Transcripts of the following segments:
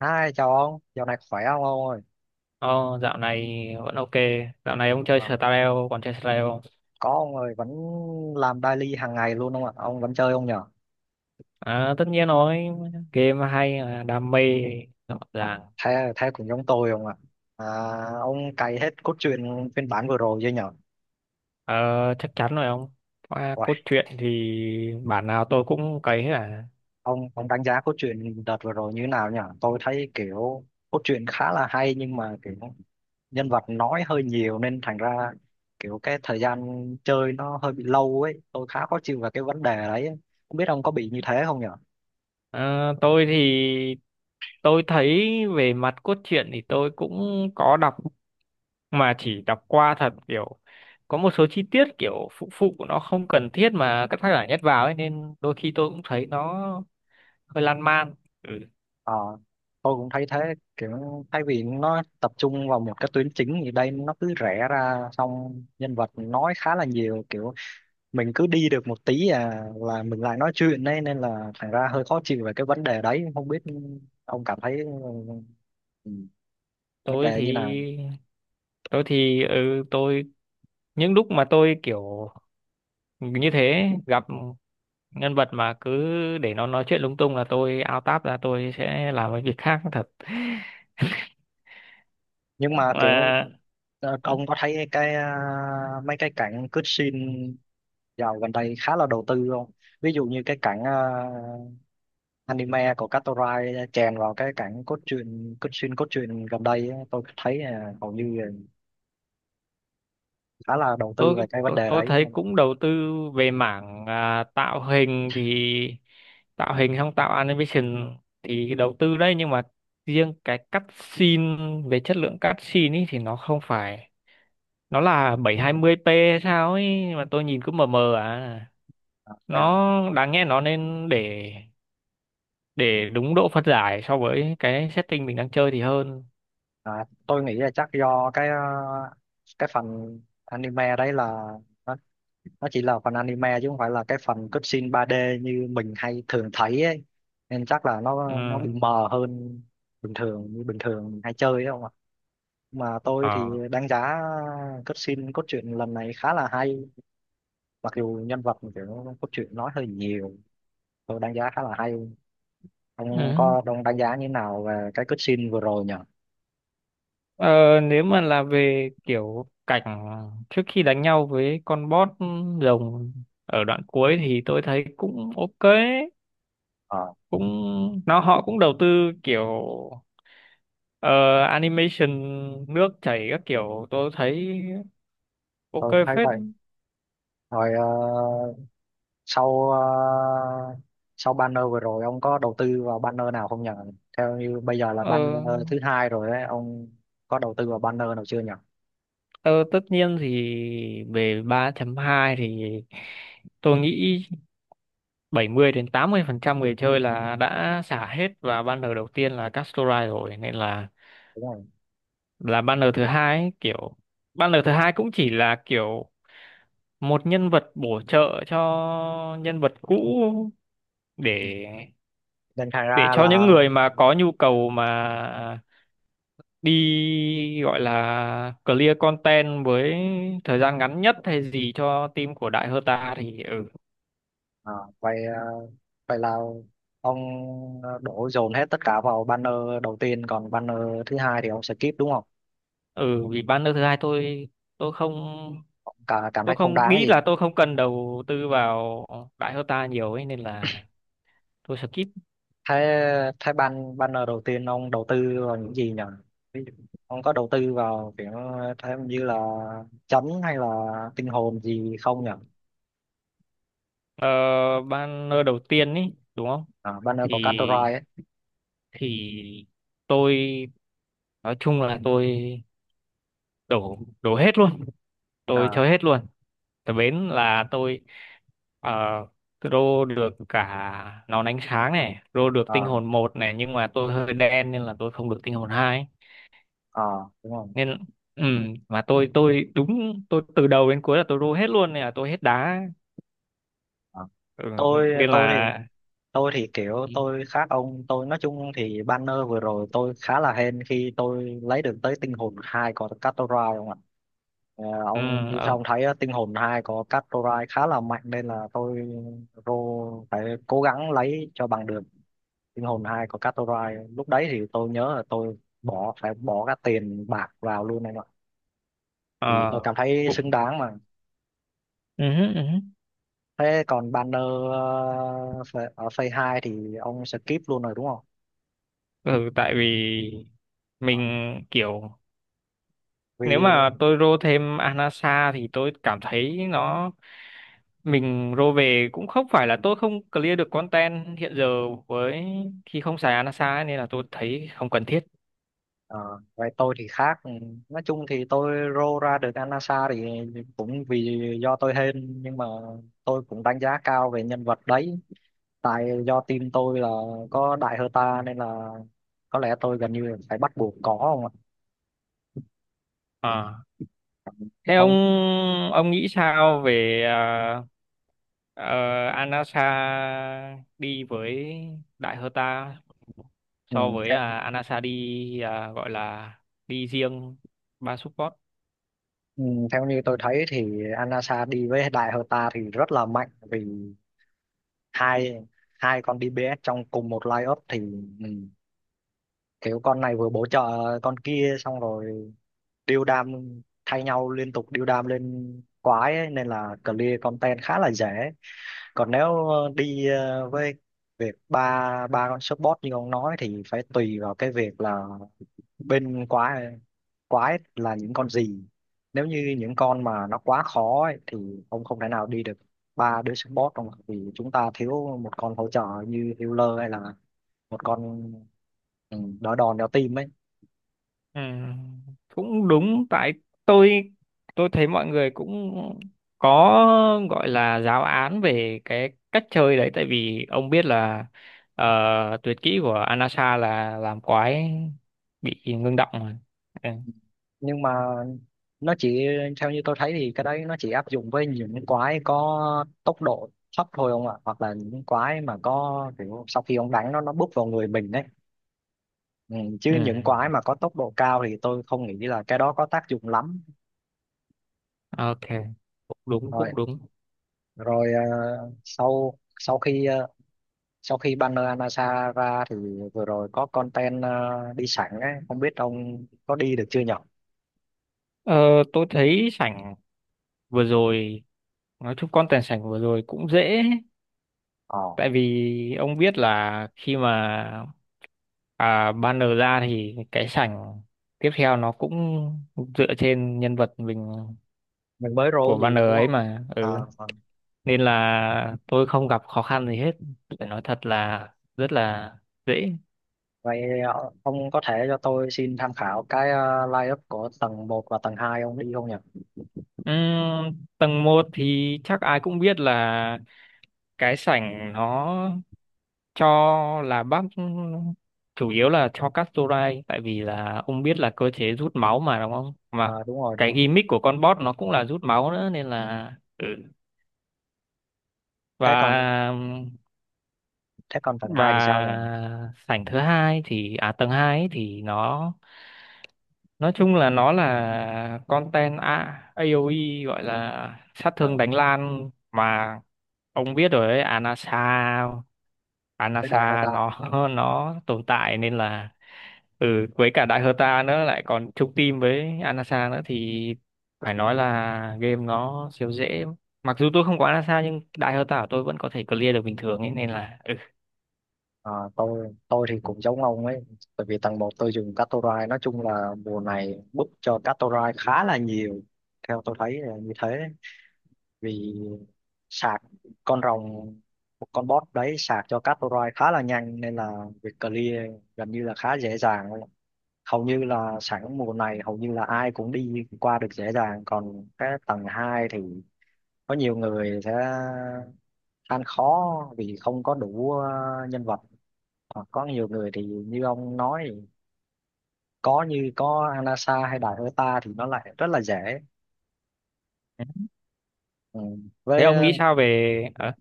Hai chào ông, dạo này khỏe không ông ơi? Ồ, dạo này vẫn ok. Dạo này ông chơi Ờ, Stardew, còn chơi Stardew không? có ông ơi, vẫn làm daily hàng ngày luôn không ạ? Ông vẫn chơi không nhở? À, tất nhiên rồi, game hay, đam mê, rõ À, ràng. thế thế cũng giống tôi không ạ? À, ông cày hết cốt truyện phiên bản vừa rồi chưa nhở? Ờ, Chắc chắn rồi ông. Qua Uầy, cốt truyện thì bản nào tôi cũng cấy hết à. ông đánh giá cốt truyện đợt vừa rồi như thế nào nhở? Tôi thấy kiểu cốt truyện khá là hay, nhưng mà kiểu nhân vật nói hơi nhiều nên thành ra kiểu cái thời gian chơi nó hơi bị lâu ấy. Tôi khá khó chịu về cái vấn đề đấy. Không biết ông có bị như thế không nhở? Ờ, tôi thì tôi thấy về mặt cốt truyện thì tôi cũng có đọc mà chỉ đọc qua thật, kiểu có một số chi tiết kiểu phụ phụ của nó không cần thiết mà các tác giả nhét vào ấy, nên đôi khi tôi cũng thấy nó hơi lan man. Ừ. Ờ, tôi cũng thấy thế, kiểu thay vì nó tập trung vào một cái tuyến chính thì đây nó cứ rẽ ra, xong nhân vật nói khá là nhiều, kiểu mình cứ đi được một tí à là mình lại nói chuyện đấy, nên là thành ra hơi khó chịu về cái vấn đề đấy. Không biết ông cảm thấy ừ, vấn tôi đề như thì nào. tôi những lúc mà tôi kiểu như thế gặp nhân vật mà cứ để nó nói chuyện lung tung là tôi out tab ra, tôi sẽ làm cái việc khác thật. Nhưng mà kiểu Mà ông có thấy cái mấy cái cảnh cướp scene dạo gần đây khá là đầu tư không? Ví dụ như cái cảnh anime của Katorai chèn vào cái cảnh cốt truyện gần đây á, tôi thấy hầu như là khá là đầu tư tôi về cái vấn tôi đề tôi đấy. thấy cũng đầu tư về mảng tạo hình thì tạo hình xong tạo animation thì đầu tư đấy, nhưng mà riêng cái cắt scene, về chất lượng cắt scene ý thì nó không phải, nó là 720p hay sao ấy mà tôi nhìn cứ mờ mờ à. à, và, Nó đáng nghe, nó nên để đúng độ phân giải so với cái setting mình đang chơi thì hơn. Tôi nghĩ là chắc do cái cái phần anime đấy là nó, nó chỉ là phần anime chứ không phải là cái phần cutscene 3D như mình hay thường thấy ấy. Nên chắc là Ừ. nó bị mờ hơn bình thường, như bình thường mình hay chơi ấy không ạ. Mà tôi thì Ờ. đánh giá cutscene cốt truyện lần này khá là hay, mặc dù nhân vật kiểu cốt truyện nói hơi nhiều, tôi đánh giá khá là hay. ông Ừ. có ông đánh giá như thế nào về cái cutscene vừa rồi nhỉ? Ờ, Nếu mà là về kiểu cảnh trước khi đánh nhau với con boss rồng ở đoạn cuối thì tôi thấy cũng ok. Ờ, cũng nó họ cũng đầu tư kiểu ờ, animation nước chảy các kiểu, tôi thấy tôi ok cũng thấy phết. vậy. Rồi sau ờ, sau banner vừa rồi ông có đầu tư vào banner nào không nhỉ? Theo như bây giờ là banner Ờ, thứ hai rồi ấy ông, có đầu tư vào banner nào chưa nhỉ? ờ, Tất nhiên thì về 3 hai thì tôi nghĩ 70 đến 80 phần trăm người chơi là đã xả hết vào banner đầu tiên là Castorai rồi, nên là Đúng rồi. Banner thứ hai ấy, kiểu banner thứ hai cũng chỉ là kiểu một nhân vật bổ trợ cho nhân vật cũ Ừ, để nên thành ra cho là những người mà có nhu cầu mà đi, gọi là clear content với thời gian ngắn nhất hay gì cho team của Đại Hơ Ta thì ừ. ờ, vậy ờ, vậy là ông đổ dồn hết tất cả vào banner đầu tiên, còn banner thứ hai thì ông skip đúng không? Ừ, vì banner thứ hai tôi không Cảm tôi thấy không không đáng cái nghĩ gì. là tôi không cần đầu tư vào Đại Hơ Ta nhiều ấy, nên là tôi skip. Thế thế ban banner đầu tiên ông đầu tư vào những gì nhỉ? Ví dụ, ông có đầu tư vào kiểu thế như là chấn hay là tinh hồn gì không nhỉ? ờ, Banner đầu tiên ấy đúng không? À, banner của Thì Catorai ấy. thì tôi nói chung là tôi đổ đổ hết luôn, tôi À, chơi hết luôn. Tại bến là tôi uh, rô được cả nón ánh sáng này, rô được tinh à, hồn một này, nhưng mà tôi hơi đen nên là tôi không được tinh hồn 2. à, đúng không. Nên ừ, mà tôi đúng, tôi từ đầu đến cuối là tôi rô hết luôn nên là tôi hết đá. À. Ừ, tôi nên tôi thì là tôi thì kiểu tôi khác ông, tôi nói chung thì banner vừa rồi tôi khá là hên khi tôi lấy được tới tinh hồn hai của Catorai không ạ. Ờ, ừ, ông ờ, ông thấy tinh hồn 2 có cắt torai khá là mạnh, nên là tôi rô phải cố gắng lấy cho bằng được tinh hồn 2 có cắt torai. Lúc đấy thì tôi nhớ là tôi phải bỏ các tiền bạc vào luôn này ạ, vì tôi ờ, cảm thấy xứng cũng đáng mà. ừ, ừ, Thế còn banner ở phase 2 thì ông skip luôn rồi đúng không? ừ, tại vì mình kiểu nếu Vì. mà tôi rô thêm Anasa thì tôi cảm thấy nó, mình rô về cũng không phải là tôi không clear được content hiện giờ với khi không xài Anasa ấy, nên là tôi thấy không cần thiết. Ờ, vậy tôi thì khác. Ừ, nói chung thì tôi rô ra được Anasa thì cũng vì do tôi hên, nhưng mà tôi cũng đánh giá cao về nhân vật đấy, tại do team tôi là có đại Herta, nên là có lẽ tôi gần như là phải bắt buộc có không ạ. À. Thế ông Không. ông nghĩ sao về ờ, Anasa đi với Đại Herta ừ, so với theo, Anasa đi, gọi là đi riêng ba support? ừ, Theo như tôi thấy thì Anasa đi với đại Herta thì rất là mạnh, vì hai hai con DPS trong cùng một lineup thì ừ, kiểu con này vừa bổ trợ con kia, xong rồi điêu đam thay nhau liên tục, điêu đam lên quái ấy, nên là clear content khá là dễ. Còn nếu với việc ba ba con support như ông nói thì phải tùy vào cái việc là bên quái quái là những con gì. Nếu như những con mà nó quá khó ấy thì ông không thể nào đi được ba đứa support đâu mà, vì chúng ta thiếu một con hỗ trợ như healer hay là một con đỡ đòn đỡ tim ấy. Ừ, cũng đúng. Tại tôi tôi thấy mọi người cũng có, gọi là giáo án về cái cách chơi đấy, tại vì ông biết là tuyệt kỹ của Anasa là làm quái bị ngưng động mà. Ừ. Nhưng mà nó chỉ, theo như tôi thấy thì cái đấy nó chỉ áp dụng với những quái có tốc độ thấp thôi ông ạ, hoặc là những quái mà có kiểu sau khi ông đánh nó búp vào người mình đấy. Ừ, chứ Ừ. những quái mà có tốc độ cao thì tôi không nghĩ là cái đó có tác dụng lắm. Ok, cũng đúng, Rồi cũng đúng. rồi ờ, sau sau khi ờ, sau khi banner Anasa ra thì vừa rồi có content đi sẵn ấy, không biết ông có đi được chưa nhở? Ờ, tôi thấy sảnh vừa rồi, nói chung content sảnh vừa rồi cũng dễ, Ờ, tại vì ông biết là khi mà banner ra thì cái sảnh tiếp theo nó cũng dựa trên nhân vật mình mình mới rô của gì banner đúng ấy không. mà. À, Ừ. Nên là tôi không gặp khó khăn gì hết, phải nói thật là rất là dễ. vậy ông có thể cho tôi xin tham khảo cái line up của tầng một và tầng 2 ông đi không nhỉ? Tầng 1 thì chắc ai cũng biết là cái sảnh nó cho là bác, chủ yếu là cho Castorai, tại vì là ông biết là cơ chế rút máu mà đúng không, mà Ờ, đúng rồi, đúng cái rồi. gimmick của con boss nó cũng là rút máu nữa nên là ừ. Thế còn Và thế còn tầng 2 thì sao nhỉ? sảnh thứ hai thì à, tầng 2 ấy thì nó nói chung là nó là content AOE, gọi là sát Ờ, thương đánh lan mà ông biết rồi ấy. Anasa, với Đại Hà ta. nó nó tồn tại nên là ừ, với cả Đại Herta nữa lại còn chung team với Anasa nữa thì phải nói là game nó siêu dễ. Mặc dù tôi không có Anasa nhưng Đại Herta của tôi vẫn có thể clear được bình thường ấy, nên là ừ. Ờ, tôi thì cũng giống ông ấy, bởi vì tầng một tôi dùng Catorai, nói chung là mùa này book cho Catorai khá là nhiều. Theo tôi thấy là như thế. Vì sạc con rồng, một con boss đấy sạc cho các roi khá là nhanh, nên là việc clear gần như là khá dễ dàng luôn. Hầu như là sẵn mùa này hầu như là ai cũng đi qua được dễ dàng. Còn cái tầng 2 thì có nhiều người sẽ ăn khó vì không có đủ nhân vật. Hoặc có nhiều người thì như ông nói, có như có Anasa hay Đại Hơ Ta thì nó lại rất là dễ. Ừ, Thế với ông nghĩ sao về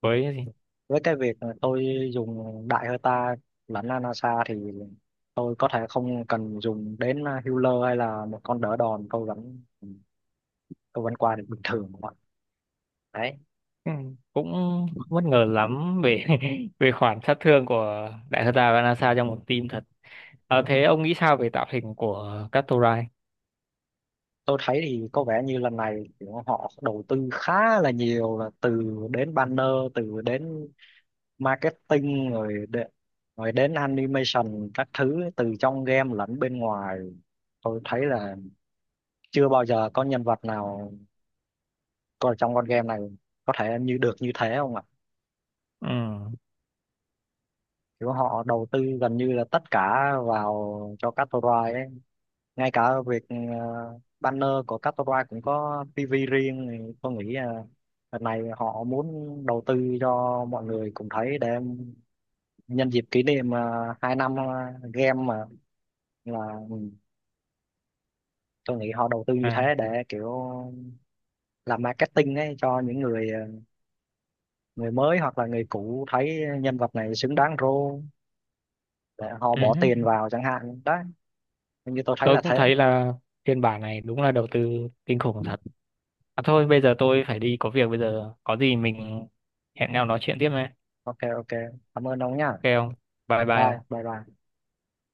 với cái gì? với cái việc mà tôi dùng đại hơi ta lẫn Anasa thì tôi có thể không cần dùng đến healer hay là một con đỡ đòn, tôi vẫn qua được bình thường các bạn. Đấy, Ừ, cũng bất ngờ lắm về về khoản sát thương của Đại Herta và Anasa trong một team thật. Ờ, thế ông nghĩ sao về tạo hình của Catorai? tôi thấy thì có vẻ như lần này kiểu họ đầu tư khá là nhiều, là từ đến banner, từ đến marketing, rồi đến animation các thứ, từ trong game lẫn bên ngoài. Tôi thấy là chưa bao giờ có nhân vật nào còn trong con game này có thể như được như thế không ạ. Ừ. Kiểu họ đầu tư gần như là tất cả vào cho counter ấy, ngay cả việc banner của counter cũng có PV riêng, thì tôi nghĩ là lần này họ muốn đầu tư cho mọi người cùng thấy, để nhân dịp kỷ niệm hai năm game mà, là ừ, tôi nghĩ họ đầu tư như À. thế để kiểu làm marketing ấy, cho những người người mới hoặc là người cũ thấy nhân vật này xứng đáng role để họ Ừ. bỏ tiền vào chẳng hạn đấy. Như tôi thấy Tôi là cũng thế. thấy là phiên bản này đúng là đầu tư kinh khủng thật. À thôi, bây giờ tôi phải đi có việc, bây giờ có gì mình hẹn nhau nói chuyện tiếp nhé. Ok, ok, cảm ơn ông nhá. Ok không, bye bye Bye không bye bye.